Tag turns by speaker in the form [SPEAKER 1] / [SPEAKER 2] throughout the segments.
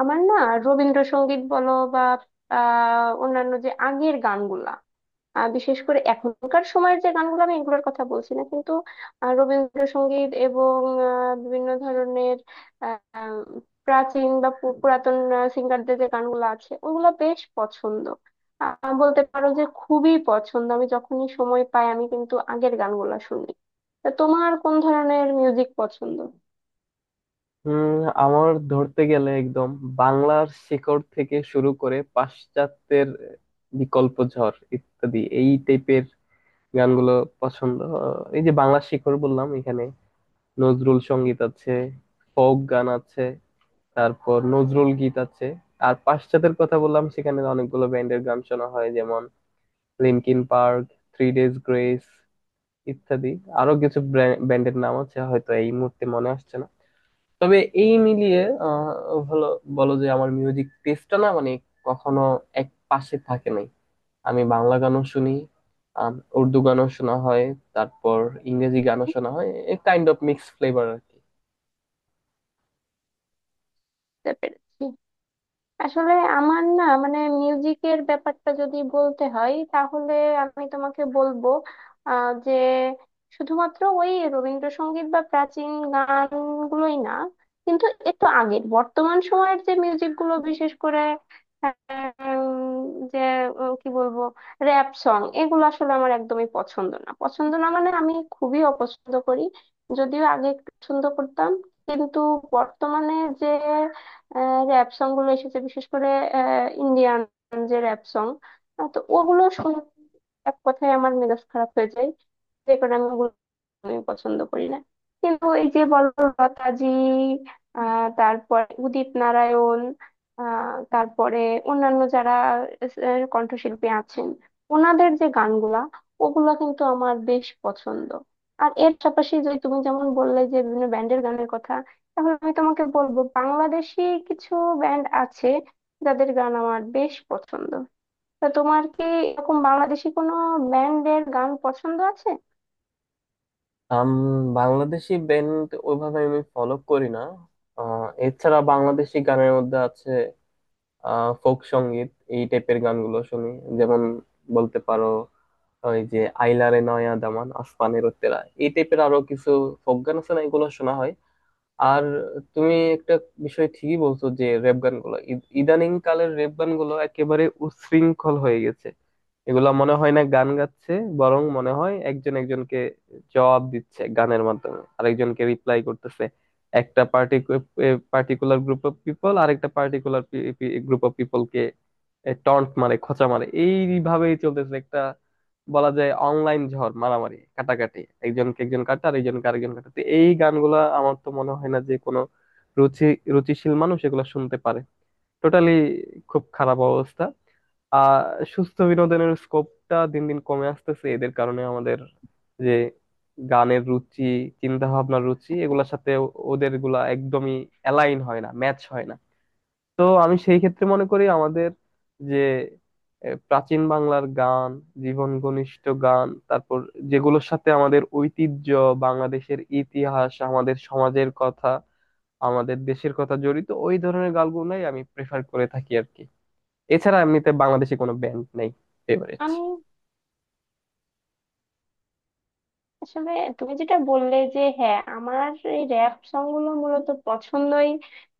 [SPEAKER 1] আমার না, রবীন্দ্রসঙ্গীত বলো বা অন্যান্য যে আগের গানগুলা, বিশেষ করে এখনকার সময়ের যে গানগুলো আমি এগুলোর কথা বলছি না কিন্তু রবীন্দ্রসঙ্গীত এবং বিভিন্ন ধরনের আহ, প্রাচীন বা পুরাতন সিঙ্গারদের যে গানগুলো আছে ওগুলো বেশ পছন্দ। আহ, বলতে পারো যে খুবই পছন্দ, আমি যখনই সময় পাই আমি কিন্তু আগের গানগুলো শুনি। তা তোমার কোন ধরনের মিউজিক পছন্দ?
[SPEAKER 2] হুম। আমার ধরতে গেলে একদম বাংলার শিকড় থেকে শুরু করে পাশ্চাত্যের বিকল্প ঝড় ইত্যাদি এই টাইপের গানগুলো পছন্দ। এই যে বাংলার শিকড় বললাম, এখানে নজরুল সঙ্গীত আছে, ফোক গান আছে, তারপর নজরুল গীত আছে। আর পাশ্চাত্যের কথা বললাম, সেখানে অনেকগুলো ব্যান্ডের গান শোনা হয়, যেমন Linkin Park, Three Days Grace ইত্যাদি। আরো কিছু ব্যান্ডের নাম আছে, হয়তো এই মুহূর্তে মনে আসছে না। তবে এই মিলিয়ে হলো বলো যে আমার মিউজিক টেস্টটা না, মানে কখনো এক পাশে থাকে নাই। আমি বাংলা গানও শুনি, আম, উর্দু গানও শোনা হয়, তারপর ইংরেজি গানও শোনা হয়। A kind of mix flavour আর কি।
[SPEAKER 1] বুঝতে পেরেছি। আসলে আমার না, মানে মিউজিকের ব্যাপারটা যদি বলতে হয় তাহলে আমি তোমাকে বলবো যে শুধুমাত্র ওই রবীন্দ্রসঙ্গীত বা প্রাচীন গানগুলোই না, কিন্তু একটু আগের বর্তমান সময়ের যে মিউজিকগুলো, বিশেষ করে উম, যে কি বলবো, র্যাপ সং, এগুলো আসলে আমার একদমই পছন্দ না, পছন্দ না মানে আমি খুবই অপছন্দ করি। যদিও আগে একটু পছন্দ করতাম, কিন্তু বর্তমানে যে যে র্যাপ সং গুলো এসেছে, বিশেষ করে ইন্ডিয়ান যে র্যাপ সং, তো ওগুলো শুনে এক কথায় আমার মেজাজ খারাপ হয়ে যায়। রেকর্ড আমি ওগুলো, আমি পছন্দ করি না। কিন্তু এই যে বলো লতাজি, তারপরে উদিত নারায়ণ, তারপরে অন্যান্য যারা কণ্ঠশিল্পী আছেন ওনাদের যে গানগুলা, ওগুলা কিন্তু আমার বেশ পছন্দ। আর এর পাশাপাশি যদি তুমি যেমন বললে যে বিভিন্ন ব্যান্ডের গানের কথা, তাহলে আমি তোমাকে বলবো বাংলাদেশি কিছু ব্যান্ড আছে যাদের গান আমার বেশ পছন্দ। তা তোমার কি এরকম বাংলাদেশি কোনো ব্যান্ডের গান পছন্দ আছে?
[SPEAKER 2] আম, বাংলাদেশি ব্যান্ড ওইভাবে আমি ফলো করি না। এছাড়া বাংলাদেশি গানের মধ্যে আছে ফোক সঙ্গীত, এই টাইপের গানগুলো শুনি। যেমন বলতে পারো, ওই যে আইলারে নয়া দামান, আসমানের উত্তেরা, এই টাইপের আরো কিছু ফোক গান আছে না, এগুলো শোনা হয়। আর তুমি একটা বিষয় ঠিকই বলছো যে রেপ গানগুলো ইদানিং কালের রেপ গানগুলো একেবারে উচ্ছৃঙ্খল হয়ে গেছে। এগুলা মনে হয় না গান গাচ্ছে, বরং মনে হয় একজন একজনকে জবাব দিচ্ছে, গানের মাধ্যমে আরেকজনকে রিপ্লাই করতেছে। একটা পার্টিকুলার গ্রুপ অফ পিপল আরেকটা পার্টিকুলার গ্রুপ অফ পিপলকে টন্ট মারে, খোঁচা মারে, এইভাবেই চলতেছে। একটা বলা যায় অনলাইন ঝড়, মারামারি, কাটাকাটি, একজনকে একজন কাটা আর একজনকে আরেকজন কাটা। তো এই গানগুলা আমার তো মনে হয় না যে কোনো রুচি রুচিশীল মানুষ এগুলা শুনতে পারে। টোটালি খুব খারাপ অবস্থা। আহ, সুস্থ বিনোদনের স্কোপটা দিন দিন কমে আসতেছে এদের কারণে। আমাদের যে গানের রুচি, চিন্তা ভাবনার রুচি, এগুলোর সাথে ওদের গুলা একদমই অ্যালাইন হয় না, ম্যাচ হয় না। তো আমি সেই ক্ষেত্রে মনে করি আমাদের যে প্রাচীন বাংলার গান, জীবন ঘনিষ্ঠ গান, তারপর যেগুলোর সাথে আমাদের ঐতিহ্য, বাংলাদেশের ইতিহাস, আমাদের সমাজের কথা, আমাদের দেশের কথা জড়িত, ওই ধরনের গানগুলোই আমি প্রেফার করে থাকি আর কি। এছাড়া এমনিতে বাংলাদেশে কোনো ব্যান্ড নেই ফেভারিট।
[SPEAKER 1] আমি আসলে তুমি যেটা বললে যে হ্যাঁ, আমার এই র‍্যাপ সং গুলো মূলত পছন্দই,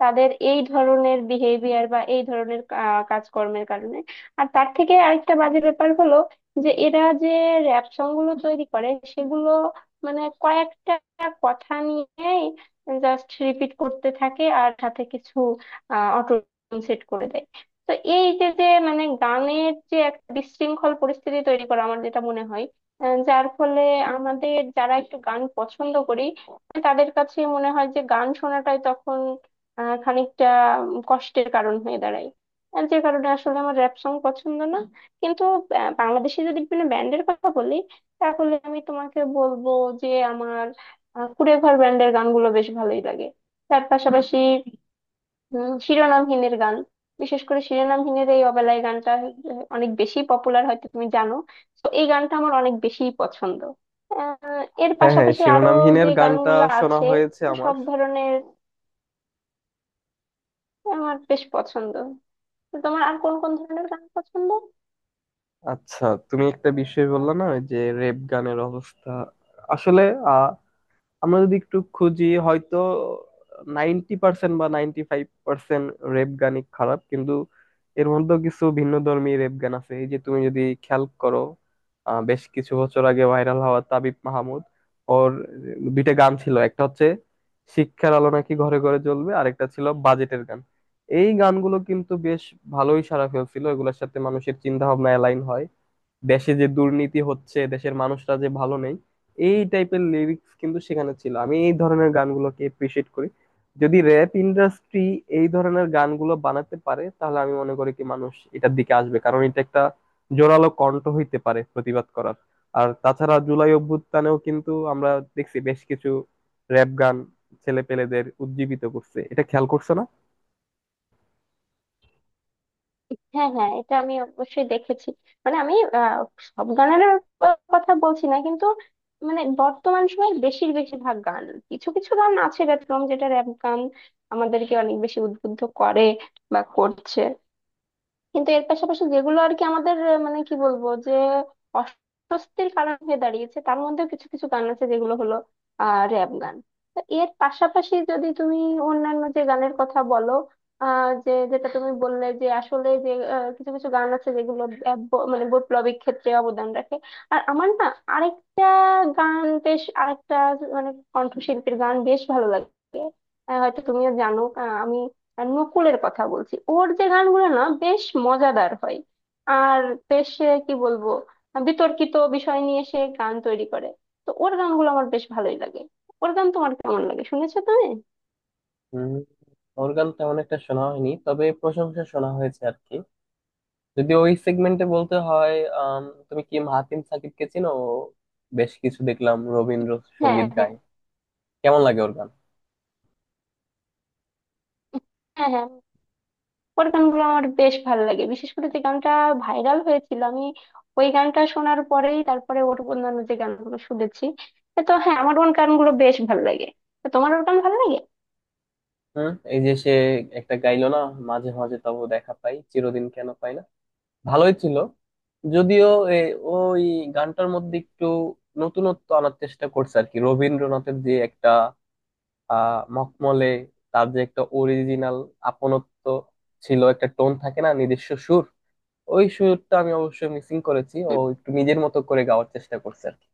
[SPEAKER 1] তাদের এই ধরনের বিহেভিয়ার বা এই ধরনের কাজকর্মের কারণে। আর তার থেকে আরেকটা বাজে ব্যাপার হলো, যে এরা যে র‍্যাপ সং গুলো তৈরি করে সেগুলো মানে কয়েকটা কথা নিয়েই জাস্ট রিপিট করতে থাকে, আর সাথে কিছু অটো সেট করে দেয়। তো এই যে যে মানে গানের যে একটা বিশৃঙ্খল পরিস্থিতি তৈরি করা, আমার যেটা মনে হয় যার ফলে আমাদের যারা একটু গান পছন্দ করি তাদের কাছে মনে হয় যে গান শোনাটাই তখন খানিকটা কষ্টের কারণ হয়ে দাঁড়ায়। আর যে কারণে আসলে আমার র্যাপ সং পছন্দ না। কিন্তু বাংলাদেশে যদি বিভিন্ন ব্যান্ডের কথা বলি, তাহলে আমি তোমাকে বলবো যে আমার কুড়ে ঘর ব্যান্ডের গানগুলো বেশ ভালোই লাগে। তার পাশাপাশি শিরোনামহীনের গান, বিশেষ করে শিরোনামহীনের এই অবেলায় গানটা অনেক বেশি পপুলার, হয়তো তুমি জানো। তো এই গানটা আমার অনেক বেশি পছন্দ। এর
[SPEAKER 2] হ্যাঁ, হ্যাঁ,
[SPEAKER 1] পাশাপাশি আরো
[SPEAKER 2] শিরোনামহীনের
[SPEAKER 1] যে
[SPEAKER 2] গানটা
[SPEAKER 1] গানগুলো
[SPEAKER 2] শোনা
[SPEAKER 1] আছে,
[SPEAKER 2] হয়েছে
[SPEAKER 1] তো
[SPEAKER 2] আমার।
[SPEAKER 1] সব ধরনের আমার বেশ পছন্দ। তো তোমার আর কোন কোন ধরনের গান পছন্দ?
[SPEAKER 2] আচ্ছা, তুমি একটা বিষয় বললে না, ওই যে রেপ গানের অবস্থা। আসলে আমরা যদি একটু খুঁজি, হয়তো 90% বা 95% রেপ গানই খারাপ, কিন্তু এর মধ্যেও কিছু ভিন্নধর্মী রেপ গান আছে। এই যে তুমি যদি খেয়াল করো, বেশ কিছু বছর আগে ভাইরাল হওয়া তাবিব মাহমুদ, ওর 2টা গান ছিল। একটা হচ্ছে শিক্ষার আলো নাকি ঘরে ঘরে জ্বলবে, আরেকটা ছিল বাজেটের গান। এই গানগুলো কিন্তু বেশ ভালোই সাড়া ফেলছিল। এগুলোর সাথে মানুষের চিন্তা ভাবনা অ্যালাইন হয়। দেশে যে দুর্নীতি হচ্ছে, দেশের মানুষরা যে ভালো নেই, এই টাইপের লিরিক্স কিন্তু সেখানে ছিল। আমি এই ধরনের গানগুলোকে এপ্রিসিয়েট করি। যদি র্যাপ ইন্ডাস্ট্রি এই ধরনের গানগুলো বানাতে পারে, তাহলে আমি মনে করি কি মানুষ এটার দিকে আসবে, কারণ এটা একটা জোরালো কণ্ঠ হইতে পারে প্রতিবাদ করার। আর তাছাড়া জুলাই অভ্যুত্থানেও কিন্তু আমরা দেখছি বেশ কিছু র্যাপ গান ছেলে পেলেদের উজ্জীবিত করছে, এটা খেয়াল করছো না?
[SPEAKER 1] হ্যাঁ, হ্যাঁ, এটা আমি অবশ্যই দেখেছি। মানে আমি সব গানের কথা বলছি না কিন্তু, মানে বর্তমান সময়ে বেশিরভাগ গান, কিছু কিছু গান আছে ব্যতিক্রম যেটা র‍্যাপ গান আমাদেরকে অনেক বেশি উদ্বুদ্ধ করে বা করছে, কিন্তু এর পাশাপাশি যেগুলো আর কি আমাদের মানে কি বলবো, যে অস্বস্তির কারণ হয়ে দাঁড়িয়েছে তার মধ্যেও কিছু কিছু গান আছে যেগুলো হলো র্যাপ গান। তো এর পাশাপাশি যদি তুমি অন্যান্য যে গানের কথা বলো, যে যেটা তুমি বললে যে আসলে যে কিছু কিছু গান আছে যেগুলো মানে বৈপ্লবিক ক্ষেত্রে অবদান রাখে। আর আমার না আরেকটা গান বেশ, আরেকটা মানে কণ্ঠশিল্পীর গান বেশ ভালো লাগে, হয়তো তুমিও জানো, আমি নকুলের কথা বলছি। ওর যে গানগুলো না বেশ মজাদার হয়, আর বেশ কি বলবো, বিতর্কিত বিষয় নিয়ে সে গান তৈরি করে। তো ওর গানগুলো আমার বেশ ভালোই লাগে। ওর গান তোমার কেমন লাগে, শুনেছো তুমি?
[SPEAKER 2] হম, ওর গান তেমন একটা শোনা হয়নি, তবে প্রশংসা শোনা হয়েছে আর কি। যদি ওই সেগমেন্টে বলতে হয়, আম, তুমি কি মাহাতিম সাকিবকে চিনো? ও বেশ কিছু দেখলাম
[SPEAKER 1] হ্যাঁ,
[SPEAKER 2] রবীন্দ্রসঙ্গীত
[SPEAKER 1] হ্যাঁ।
[SPEAKER 2] গায়। কেমন লাগে ওর গান?
[SPEAKER 1] হ্যাঁ, হ্যাঁ, ওর গানগুলো আমার বেশ ভালো লাগে, বিশেষ করে যে গানটা ভাইরাল হয়েছিল, আমি ওই গানটা শোনার পরেই তারপরে ওর অন্যান্য যে গানগুলো শুনেছি। তো হ্যাঁ, আমার ওর গানগুলো বেশ ভালো লাগে। তো তোমার ওর গান ভালো লাগে?
[SPEAKER 2] হুম, এই যে সে একটা গাইলো না, মাঝে মাঝে তবু দেখা পাই চিরদিন কেন পাই না, ভালোই ছিল। যদিও এ- ওই গানটার মধ্যে একটু নতুনত্ব আনার চেষ্টা করছে আর কি। রবীন্দ্রনাথের যে একটা আহ মখমলে, তার যে একটা অরিজিনাল আপনত্ব ছিল, একটা টোন থাকে না নিজস্ব সুর, ওই সুরটা আমি অবশ্যই মিসিং করেছি। ও একটু নিজের মতো করে গাওয়ার চেষ্টা করছে আর কি।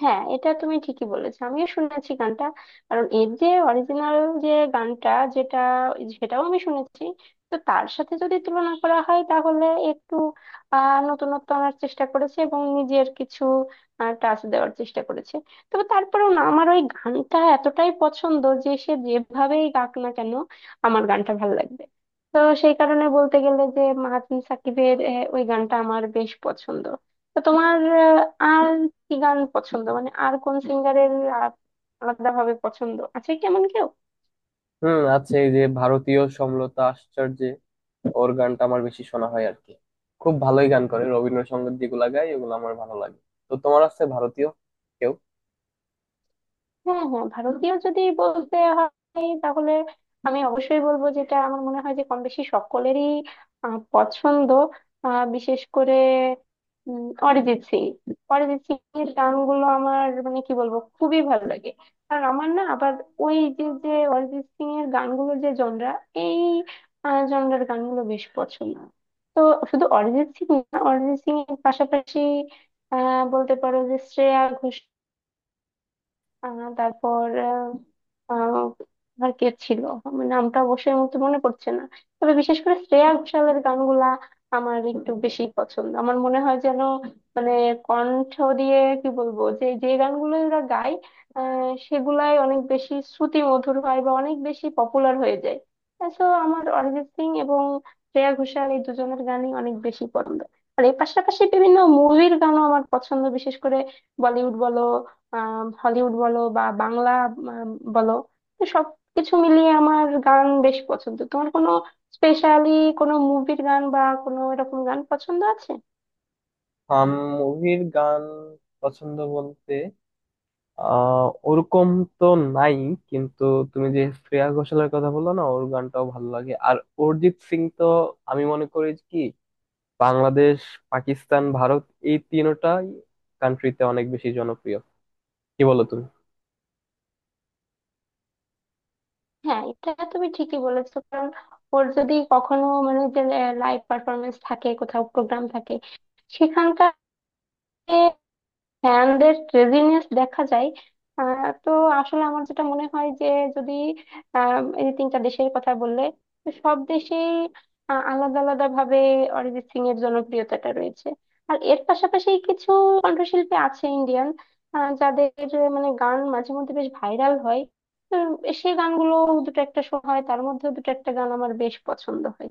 [SPEAKER 1] হ্যাঁ, এটা তুমি ঠিকই বলেছো, আমিও শুনেছি গানটা। কারণ এর যে অরিজিনাল যে গানটা, যেটা, সেটাও আমি শুনেছি। তো তার সাথে যদি তুলনা করা হয় তাহলে একটু নতুনত্ব আনার চেষ্টা করেছে এবং নিজের কিছু টাচ দেওয়ার চেষ্টা করেছে। তবে তারপরেও না, আমার ওই গানটা এতটাই পছন্দ যে সে যেভাবেই গাক না কেন আমার গানটা ভালো লাগবে। তো সেই কারণে বলতে গেলে যে মাহাতিন সাকিবের ওই গানটা আমার বেশ পছন্দ। তো তোমার আর কি গান পছন্দ, মানে আর কোন সিঙ্গারের আলাদা ভাবে পছন্দ আছে, কেমন কেউ?
[SPEAKER 2] হুম, আছে। এই যে ভারতীয় সমলতা আশ্চর্যে, ওর গানটা আমার বেশি শোনা হয় আর কি। খুব ভালোই গান করে, রবীন্দ্রসঙ্গীত যেগুলা গায় ওগুলো আমার ভালো লাগে। তো তোমার আছে ভারতীয় কেউ?
[SPEAKER 1] হ্যাঁ, হ্যাঁ, ভারতীয় যদি বলতে হয় তাহলে আমি অবশ্যই বলবো যেটা আমার মনে হয় যে কম বেশি সকলেরই পছন্দ, বিশেষ করে অরিজিৎ সিং। অরিজিৎ সিং এর গানগুলো আমার মানে কি বলবো, খুবই ভালো লাগে। কারণ আমার না আবার ওই যে যে অরিজিৎ সিং এর গানগুলোর যে জনরা, এই জনরার গানগুলো বেশ পছন্দ। তো শুধু অরিজিৎ সিং না, অরিজিৎ সিং এর পাশাপাশি বলতে পারো যে শ্রেয়া ঘোষাল, তারপর আহ, আহ, আর কে ছিল, আমার নামটা অবশ্যই মতো মনে পড়ছে না। তবে বিশেষ করে শ্রেয়া ঘোষালের গানগুলা আমার একটু বেশি পছন্দ, আমার মনে হয় যেন মানে কণ্ঠ দিয়ে কি বলবো, যে যে গানগুলো ওরা গায় সেগুলাই অনেক বেশি শ্রুতি মধুর হয় বা অনেক বেশি পপুলার হয়ে যায়। তো আমার অরিজিৎ সিং এবং শ্রেয়া ঘোষাল এই দুজনের গানই অনেক বেশি পছন্দ। আর এর পাশাপাশি বিভিন্ন মুভির গানও আমার পছন্দ, বিশেষ করে বলিউড বলো, হলিউড বলো, বা বাংলা আম, বলো। তো সবকিছু মিলিয়ে আমার গান বেশ পছন্দ। তোমার কোনো স্পেশালি কোনো মুভির গান বা কোনো এরকম গান পছন্দ আছে?
[SPEAKER 2] হাম, মুভির গান পছন্দ বলতে আহ ওরকম তো নাই, কিন্তু তুমি যে শ্রেয়া ঘোষালের কথা বললো না, ওর গানটাও ভালো লাগে। আর অরিজিৎ সিং তো, আমি মনে করি কি বাংলাদেশ, পাকিস্তান, ভারত, এই তিনটাই কান্ট্রিতে অনেক বেশি জনপ্রিয়। কি বলো তুমি?
[SPEAKER 1] হ্যাঁ, এটা তুমি ঠিকই বলেছো। কারণ ওর যদি কখনো মানে যে লাইভ পারফরমেন্স থাকে, কোথাও প্রোগ্রাম থাকে, সেখানকার ফ্যানদের ক্রেজিনেস দেখা যায়। তো আসলে আমার যেটা মনে হয় যে, যদি এই যে তিনটা দেশের কথা বললে, তো সব দেশেই আলাদা আলাদা ভাবে অরিজিৎ সিং এর জনপ্রিয়তাটা রয়েছে। আর এর পাশাপাশি কিছু কণ্ঠশিল্পী আছে ইন্ডিয়ান, যাদের মানে গান মাঝে মধ্যে বেশ ভাইরাল হয়। তো সেই গানগুলো দুটো একটা শো হয়, তার মধ্যেও দুটো একটা গান আমার বেশ পছন্দ হয়।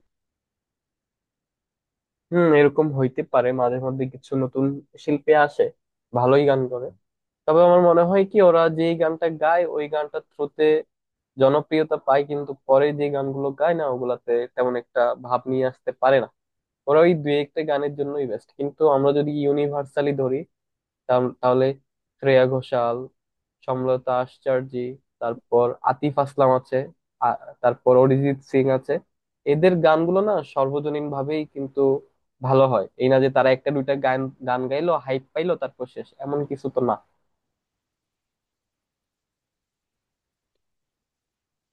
[SPEAKER 2] হুম, এরকম হইতে পারে, মাঝে মধ্যে কিছু নতুন শিল্পী আসে, ভালোই গান করে। তবে আমার মনে হয় কি ওরা যে গানটা গায় ওই গানটার থ্রুতে জনপ্রিয়তা পায়, কিন্তু পরে যে গানগুলো গায় না, ওগুলাতে তেমন একটা ভাব নিয়ে আসতে পারে না। ওরা ওই দুই একটা গানের জন্যই বেস্ট। কিন্তু আমরা যদি ইউনিভার্সালি ধরি, তাহলে তাহলে শ্রেয়া ঘোষাল, সমলতা আশ্চর্য, তারপর আতিফ আসলাম আছে, তারপর অরিজিৎ সিং আছে, এদের গানগুলো না সর্বজনীন ভাবেই কিন্তু ভালো হয়। এই না যে তারা একটা দুইটা গান গান গাইলো, হাইপ পাইলো, তারপর শেষ, এমন কিছু তো না।